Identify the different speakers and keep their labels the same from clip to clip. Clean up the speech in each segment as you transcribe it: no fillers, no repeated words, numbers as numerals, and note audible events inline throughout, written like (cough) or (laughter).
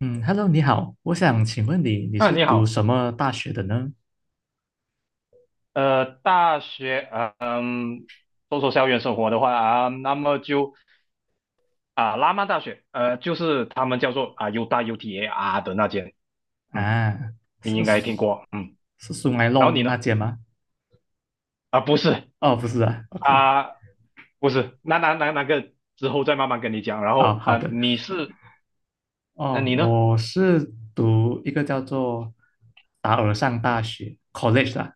Speaker 1: 嗯，Hello，你好，我想请问你，你
Speaker 2: 啊，
Speaker 1: 是
Speaker 2: 你
Speaker 1: 读
Speaker 2: 好，
Speaker 1: 什么大学的呢？
Speaker 2: 大学，说说校园生活的话啊，那么就啊，拉曼大学，就是他们叫做啊 U 大 UTAR 的那间，嗯，
Speaker 1: 啊，
Speaker 2: 你
Speaker 1: 是
Speaker 2: 应该听过。嗯。
Speaker 1: 是苏埃
Speaker 2: 然后
Speaker 1: 弄
Speaker 2: 你
Speaker 1: 那
Speaker 2: 呢？
Speaker 1: 间吗？
Speaker 2: 啊，不是。
Speaker 1: 哦，不是啊，OK。
Speaker 2: 啊，不是，那个之后再慢慢跟你讲，然
Speaker 1: 哦，
Speaker 2: 后
Speaker 1: 好
Speaker 2: 啊，
Speaker 1: 的。
Speaker 2: 你是，那、
Speaker 1: 哦，
Speaker 2: 你呢？
Speaker 1: 我是读一个叫做达尔上大学 （college） 啦，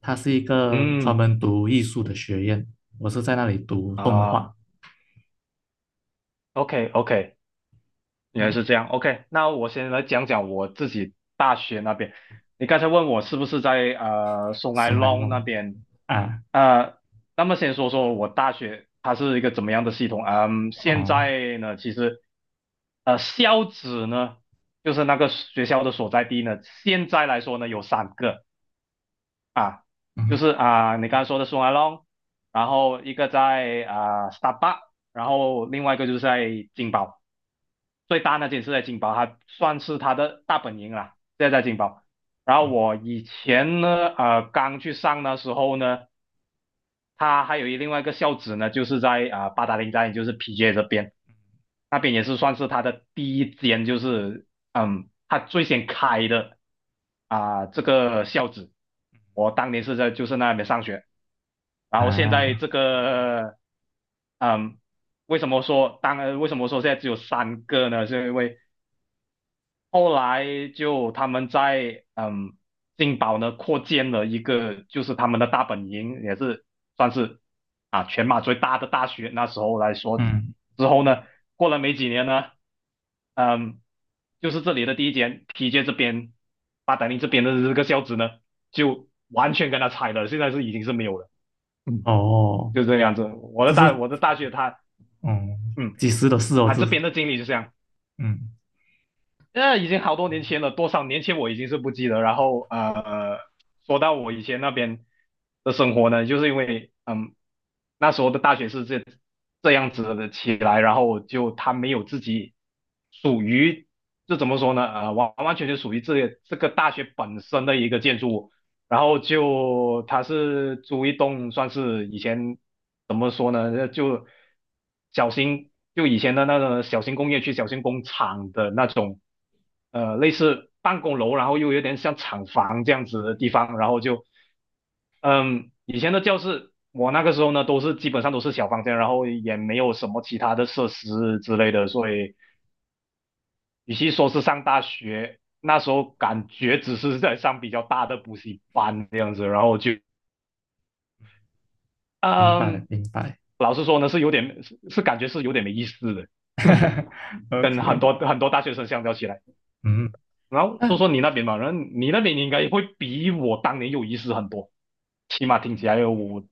Speaker 1: 它是一个专
Speaker 2: 嗯
Speaker 1: 门读艺术的学院，我是在那里读动
Speaker 2: 啊
Speaker 1: 画。
Speaker 2: ，OK OK，原来
Speaker 1: 嗯，
Speaker 2: 是这样，OK，那我先来讲讲我自己大学那边。你刚才问我是不是在松来
Speaker 1: 苏埃
Speaker 2: 隆那
Speaker 1: 弄
Speaker 2: 边，
Speaker 1: 啊。
Speaker 2: 呃，那么先说说我大学它是一个怎么样的系统。嗯，现
Speaker 1: 哦，
Speaker 2: 在呢，其实校址呢，就是那个学校的所在地呢，现在来说呢有三个啊，就
Speaker 1: 嗯
Speaker 2: 是啊、你刚才说的松来隆，然后一个在啊、s t a r b u c k, 然后另外一个就是在金宝。最大那间是在金宝，它算是它的大本营啦，现在在金宝。然后
Speaker 1: 嗯
Speaker 2: 我以前呢，刚去上的时候呢，它还有另外一个校址呢，就是在啊、八达岭站，也就是 PJ 这边，那边也是算是它的第一间，就是它最先开的啊、这个校址。我当年是在就是那边上学，然后现在
Speaker 1: 啊，
Speaker 2: 这个，嗯。为什么说现在只有三个呢？是因为后来就他们在金宝呢扩建了一个，就是他们的大本营，也是算是啊全马最大的大学。那时候来说，
Speaker 1: 嗯
Speaker 2: 之后呢，过了没几年呢，嗯，就是这里的第一间 p 街这边，八达岭这边的这个校址呢，就完全跟他拆了，现在是已经是没有了。嗯，
Speaker 1: 哦，
Speaker 2: 就这个样子。我的
Speaker 1: 这是
Speaker 2: 大我的大学它，
Speaker 1: 嗯，
Speaker 2: 嗯，
Speaker 1: 几时的事哦？
Speaker 2: 它
Speaker 1: 这
Speaker 2: 这
Speaker 1: 是
Speaker 2: 边的经历就这样。
Speaker 1: 嗯。
Speaker 2: 那已经好多年前了，多少年前我已经是不记得。然后说到我以前那边的生活呢，就是因为那时候的大学是这样子的起来，然后就他没有自己属于，这怎么说呢？完完全全属于这个大学本身的一个建筑物，然后就他是租一栋算是以前怎么说呢？就小型，就以前的那种小型工业区、小型工厂的那种，类似办公楼，然后又有点像厂房这样子的地方，然后就，以前的教室，我那个时候呢，都是基本上都是小房间，然后也没有什么其他的设施之类的，所以与其说是上大学，那时候感觉只是在上比较大的补习班这样子，然后就。
Speaker 1: 明白
Speaker 2: 嗯，
Speaker 1: 明白。
Speaker 2: 老实说呢，是有点是感觉是有点没意思的，(laughs) 跟很
Speaker 1: OK。
Speaker 2: 多很多大学生相较起来。
Speaker 1: 嗯，
Speaker 2: 然后说
Speaker 1: 那
Speaker 2: 说你那边吧，然后你那边应该会比我当年有意思很多，起码听起来我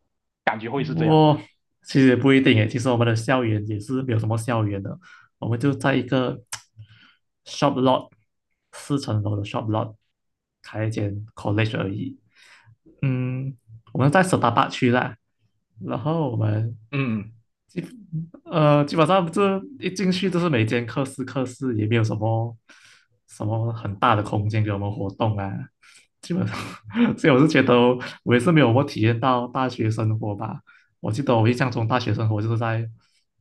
Speaker 2: 感觉会是这样。
Speaker 1: 我其实也不一定诶。其实我们的校园也是没有什么校园的，我们就在一个 shop lot， 四层楼的 shop lot， 开一间 college 而已。嗯，我们在 Setapak 区啦。然后我们
Speaker 2: 嗯
Speaker 1: (laughs) 基基本上这一进去就是每间课室也没有什么很大的空间给我们活动啊，基本上。(laughs) 所以我是觉得我也是没有我体验到大学生活吧。我记得我印象中大学生活就是在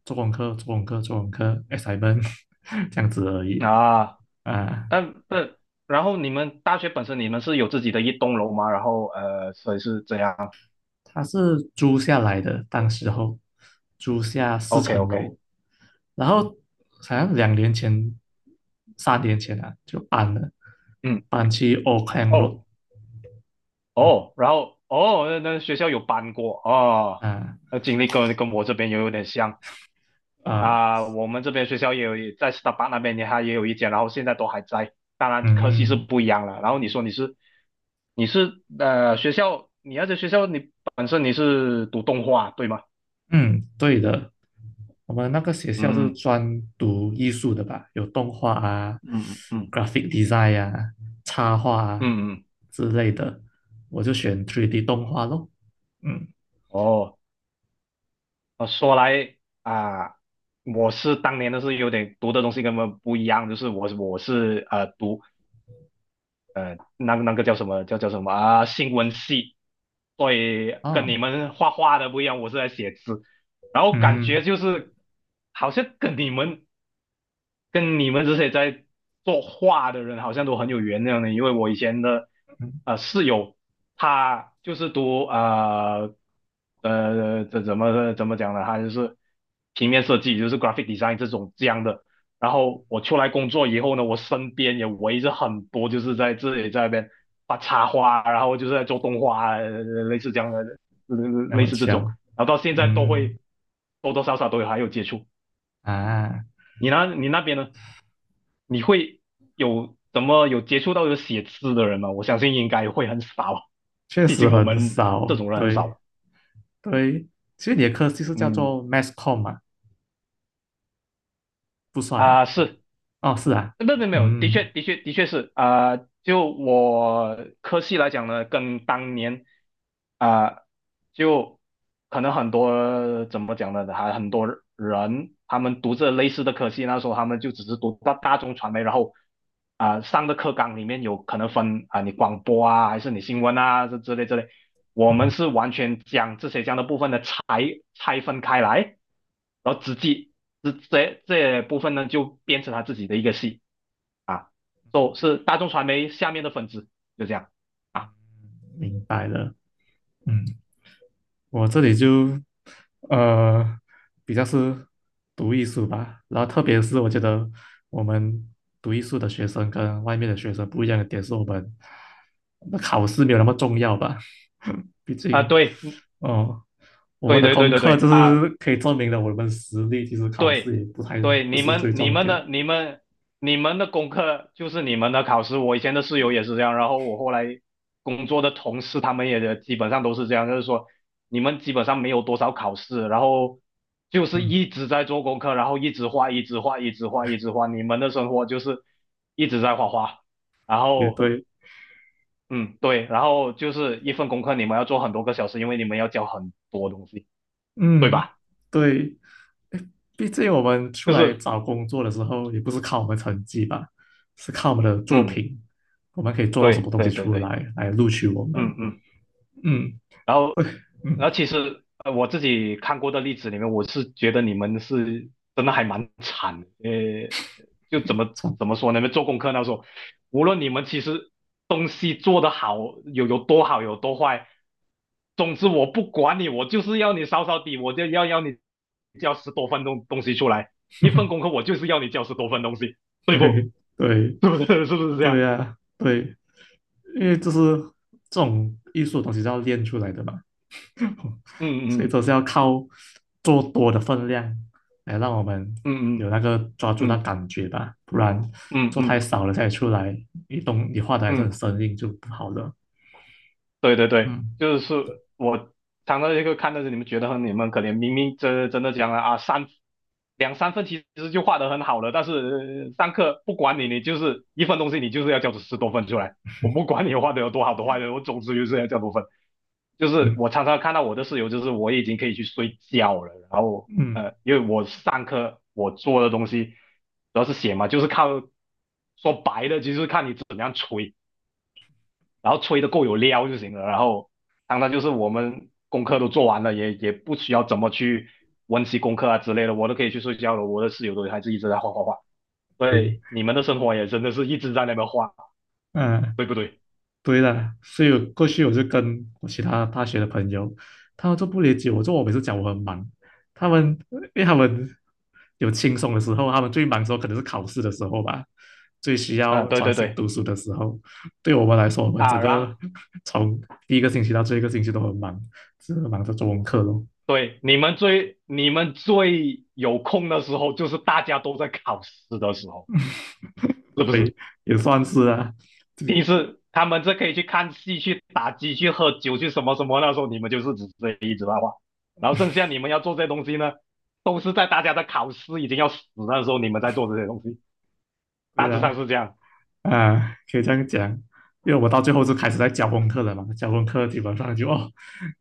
Speaker 1: 做功课、做功课、做功课、assignment， (laughs) 这样子而已
Speaker 2: 啊，
Speaker 1: 啊。
Speaker 2: 但然后你们大学本身你们是有自己的一栋楼吗？然后所以是这样。
Speaker 1: 他是租下来的，当时候租下四
Speaker 2: OK
Speaker 1: 层
Speaker 2: OK，
Speaker 1: 楼，然后好像2年前、3年前啊就搬了，
Speaker 2: 嗯，
Speaker 1: 搬去 Auckland Road。
Speaker 2: 哦
Speaker 1: 嗯，
Speaker 2: 哦，然后哦，那学校有搬过哦，
Speaker 1: 啊，
Speaker 2: 那经历跟我这边也有点像。
Speaker 1: 啊，
Speaker 2: 啊、我们这边学校也有在 Starbucks 那边也还也有一间，然后现在都还在，当然科系是
Speaker 1: 嗯
Speaker 2: 不一样了。然后你说你是学校，你要在学校你本身你是读动画对吗？
Speaker 1: 嗯，对的。我们那个学校是
Speaker 2: 嗯
Speaker 1: 专读艺术的吧，有动画啊、
Speaker 2: 嗯嗯
Speaker 1: graphic design 啊、插画啊
Speaker 2: 嗯嗯，
Speaker 1: 之类的，我就选 3D 动画咯。嗯，
Speaker 2: 哦，说来啊、我是当年的是有点读的东西跟本们不一样，就是我是读那个叫什么啊新闻系。所以跟你
Speaker 1: 哦，
Speaker 2: 们画画的不一样，我是在写字，然后感
Speaker 1: 嗯
Speaker 2: 觉就是好像跟你们这些在做画的人好像都很有缘那样的，因为我以前的
Speaker 1: 嗯，
Speaker 2: 室友，他就是读啊这怎么讲呢？他就是平面设计，就是 graphic design 这种这样的。然后我出来工作以后呢，我身边也围着很多就是在这里在那边画插画，然后就是在做动画，类似这样的，呃
Speaker 1: 那
Speaker 2: 类
Speaker 1: 么
Speaker 2: 似这种。
Speaker 1: 巧。
Speaker 2: 然后到现在都
Speaker 1: 嗯，
Speaker 2: 会多多少少都有还有接触。
Speaker 1: 啊，
Speaker 2: 你那边呢？你会有怎么有接触到有写字的人吗？我相信应该会很少，
Speaker 1: 确
Speaker 2: 毕
Speaker 1: 实
Speaker 2: 竟我
Speaker 1: 很
Speaker 2: 们这
Speaker 1: 少，
Speaker 2: 种人很
Speaker 1: 对。
Speaker 2: 少。
Speaker 1: 对，其实你的课就是叫
Speaker 2: 嗯
Speaker 1: 做 mass com 嘛，不算啊。
Speaker 2: 啊，是，
Speaker 1: 哦，是啊。
Speaker 2: 那没有没有没有，的确
Speaker 1: 嗯，
Speaker 2: 的确的确是啊、就我科系来讲呢，跟当年啊、就可能很多怎么讲呢，还很多人他们读着类似的科系，那时候他们就只是读大众传媒，然后啊、上的课纲里面有可能分啊、你广播啊，还是你新闻啊这之类之类，我们是完全将这些这样的部分的拆分开来，然后直接这部分呢就变成他自己的一个系。啊 s 是大众传媒下面的粉丝，就这样啊。
Speaker 1: 嗯。嗯，我这里就呃比较是读艺术吧，然后特别是我觉得我们读艺术的学生跟外面的学生不一样的点是我们那考试没有那么重要吧。(laughs) 毕
Speaker 2: 啊，
Speaker 1: 竟
Speaker 2: 对，嗯，
Speaker 1: 哦，我们
Speaker 2: 对
Speaker 1: 的
Speaker 2: 对对
Speaker 1: 功
Speaker 2: 对
Speaker 1: 课
Speaker 2: 对
Speaker 1: 就
Speaker 2: 啊，
Speaker 1: 是可以证明了我们实力，其实考试
Speaker 2: 对
Speaker 1: 也不太，
Speaker 2: 对，
Speaker 1: 不
Speaker 2: 你
Speaker 1: 是最
Speaker 2: 们你
Speaker 1: 重
Speaker 2: 们
Speaker 1: 点。
Speaker 2: 的你们你们的功课就是你们的考试，我以前的室友也是这样，然后我后来工作的同事他们也基本上都是这样，就是说你们基本上没有多少考试，然后就是
Speaker 1: 嗯，
Speaker 2: 一直在做功课，然后一直画，一直画，一直画，一直画，你们的生活就是一直在画画。然
Speaker 1: 也
Speaker 2: 后
Speaker 1: 对。
Speaker 2: 嗯，对，然后就是一份功课，你们要做很多个小时，因为你们要教很多东西，对
Speaker 1: 嗯，
Speaker 2: 吧？
Speaker 1: 对，毕竟我们出
Speaker 2: 就嗯
Speaker 1: 来
Speaker 2: 是，
Speaker 1: 找工作的时候，也不是靠我们成绩吧，是靠我们的作
Speaker 2: 嗯，
Speaker 1: 品，我们可以做到什么
Speaker 2: 对
Speaker 1: 东西
Speaker 2: 对对
Speaker 1: 出
Speaker 2: 对，
Speaker 1: 来来录取我们。
Speaker 2: 嗯嗯，
Speaker 1: 嗯，
Speaker 2: 然
Speaker 1: 对。
Speaker 2: 后
Speaker 1: 嗯，
Speaker 2: 其实我自己看过的例子里面，我是觉得你们是真的还蛮惨的，就怎么
Speaker 1: 错，
Speaker 2: 怎么说呢？做功课那时候，无论你们其实东西做得好，有多好，有多坏，总之我不管你，我就是要你扫扫地，我就要你交10多分钟东西出来，一份功
Speaker 1: (laughs)
Speaker 2: 课我就是要你交十多份东西，对不？
Speaker 1: 对对
Speaker 2: (laughs) 对不对？(laughs) 是不是这
Speaker 1: 对
Speaker 2: 样？
Speaker 1: 呀、对，因为这是这种艺术的东西是要练出来的嘛，(laughs) 所以
Speaker 2: 嗯
Speaker 1: 都是要靠做多的分量来让我们
Speaker 2: 嗯
Speaker 1: 有
Speaker 2: 嗯
Speaker 1: 那个抓住那
Speaker 2: 嗯
Speaker 1: 感觉吧，不然
Speaker 2: 嗯嗯嗯
Speaker 1: 做
Speaker 2: 嗯。嗯
Speaker 1: 太
Speaker 2: 嗯
Speaker 1: 少了再出来，你懂你画的还是很
Speaker 2: 嗯，
Speaker 1: 生硬就不好了。
Speaker 2: 对对对，
Speaker 1: 嗯。
Speaker 2: 就是我常常一个看到你们觉得很你们可怜，明明真真的讲了啊，两三分其实就画得很好了，但是上课不管你，你就是一份东西，你就是要交出十多份出来，我不管你画的有多好多坏的，我总之就是要交多份。就是
Speaker 1: 嗯
Speaker 2: 我常常看到我的室友，就是我已经可以去睡觉了，然后
Speaker 1: 嗯，
Speaker 2: 因为我上课我做的东西主要是写嘛，就是靠说白了，其实看你怎么样吹。然后吹的够有料就行了。然后当然就是我们功课都做完了，也不需要怎么去温习功课啊之类的，我都可以去睡觉了。我的室友都还是一直在画画画，
Speaker 1: 对。
Speaker 2: 对，你们的生活也真的是一直在那边画，
Speaker 1: 嗯，
Speaker 2: 对不对？
Speaker 1: 对的，所以我过去我就跟我其他大学的朋友，他们就不理解我，就我每次讲我很忙，他们因为他们有轻松的时候，他们最忙的时候可能是考试的时候吧，最需
Speaker 2: 啊，
Speaker 1: 要
Speaker 2: 对
Speaker 1: 专
Speaker 2: 对
Speaker 1: 心
Speaker 2: 对
Speaker 1: 读书的时候。对我们来说，我们
Speaker 2: 啊，
Speaker 1: 整
Speaker 2: 然后
Speaker 1: 个 (laughs) 从第一个星期到最后一个星期都很忙，只是忙着做功课咯，
Speaker 2: 对你们最你们最有空的时候，就是大家都在考试的时候，是不是？
Speaker 1: 也算是啊，
Speaker 2: 平时他们这可以去看戏、去打机、去喝酒、去什么什么，那时候你们就是只是一直八卦，然后剩下你们要做这些东西呢，都是在大家的考试已经要死的时候，你们在做这些东西，
Speaker 1: 对
Speaker 2: 大致上
Speaker 1: 啊。
Speaker 2: 是这样。
Speaker 1: 啊，可以这样讲，因为我到最后就开始在教功课了嘛，教功课基本上就哦，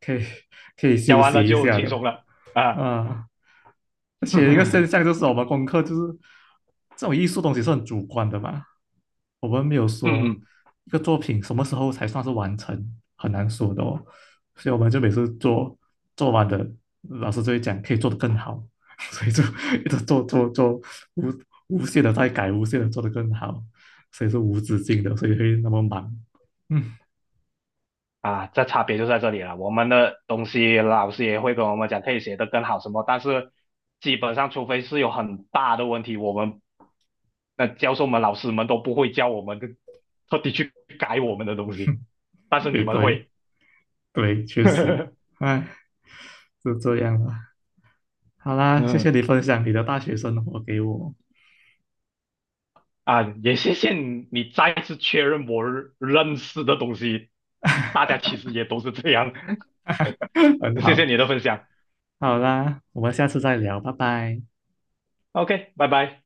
Speaker 1: 可以可以休
Speaker 2: 讲完
Speaker 1: 息
Speaker 2: 了
Speaker 1: 一
Speaker 2: 就
Speaker 1: 下
Speaker 2: 轻
Speaker 1: 的
Speaker 2: 松了啊，
Speaker 1: 啊。而
Speaker 2: (laughs)
Speaker 1: 且一个现
Speaker 2: 嗯
Speaker 1: 象就是我们功课就是这种艺术东西是很主观的嘛，我们没有说
Speaker 2: 嗯。
Speaker 1: 一个作品什么时候才算是完成，很难说的哦。所以我们就每次做做完的，老师就会讲可以做得更好，(laughs) 所以就一直做做做无无限的在改，无限的做得更好，所以是无止境的，所以会那么忙。(laughs) 嗯，
Speaker 2: 啊，这差别就在这里了。我们的东西老师也会跟我们讲可以写得更好什么，但是基本上除非是有很大的问题，我们那教授们、老师们都不会教我们特地去改我们的东西，但是
Speaker 1: 也
Speaker 2: 你们
Speaker 1: 对
Speaker 2: 会。
Speaker 1: 对，确实。
Speaker 2: (laughs)
Speaker 1: 哎，是这样了。好啦，谢谢
Speaker 2: 嗯
Speaker 1: 你分享你的大学生活给我。
Speaker 2: 啊，也谢谢你再次确认我认识的东西，大家其实也都是这样。
Speaker 1: (laughs) 很
Speaker 2: (laughs) 谢
Speaker 1: 好。
Speaker 2: 谢你的分享
Speaker 1: 好啦，我们下次再聊，拜拜。
Speaker 2: ，OK，拜拜。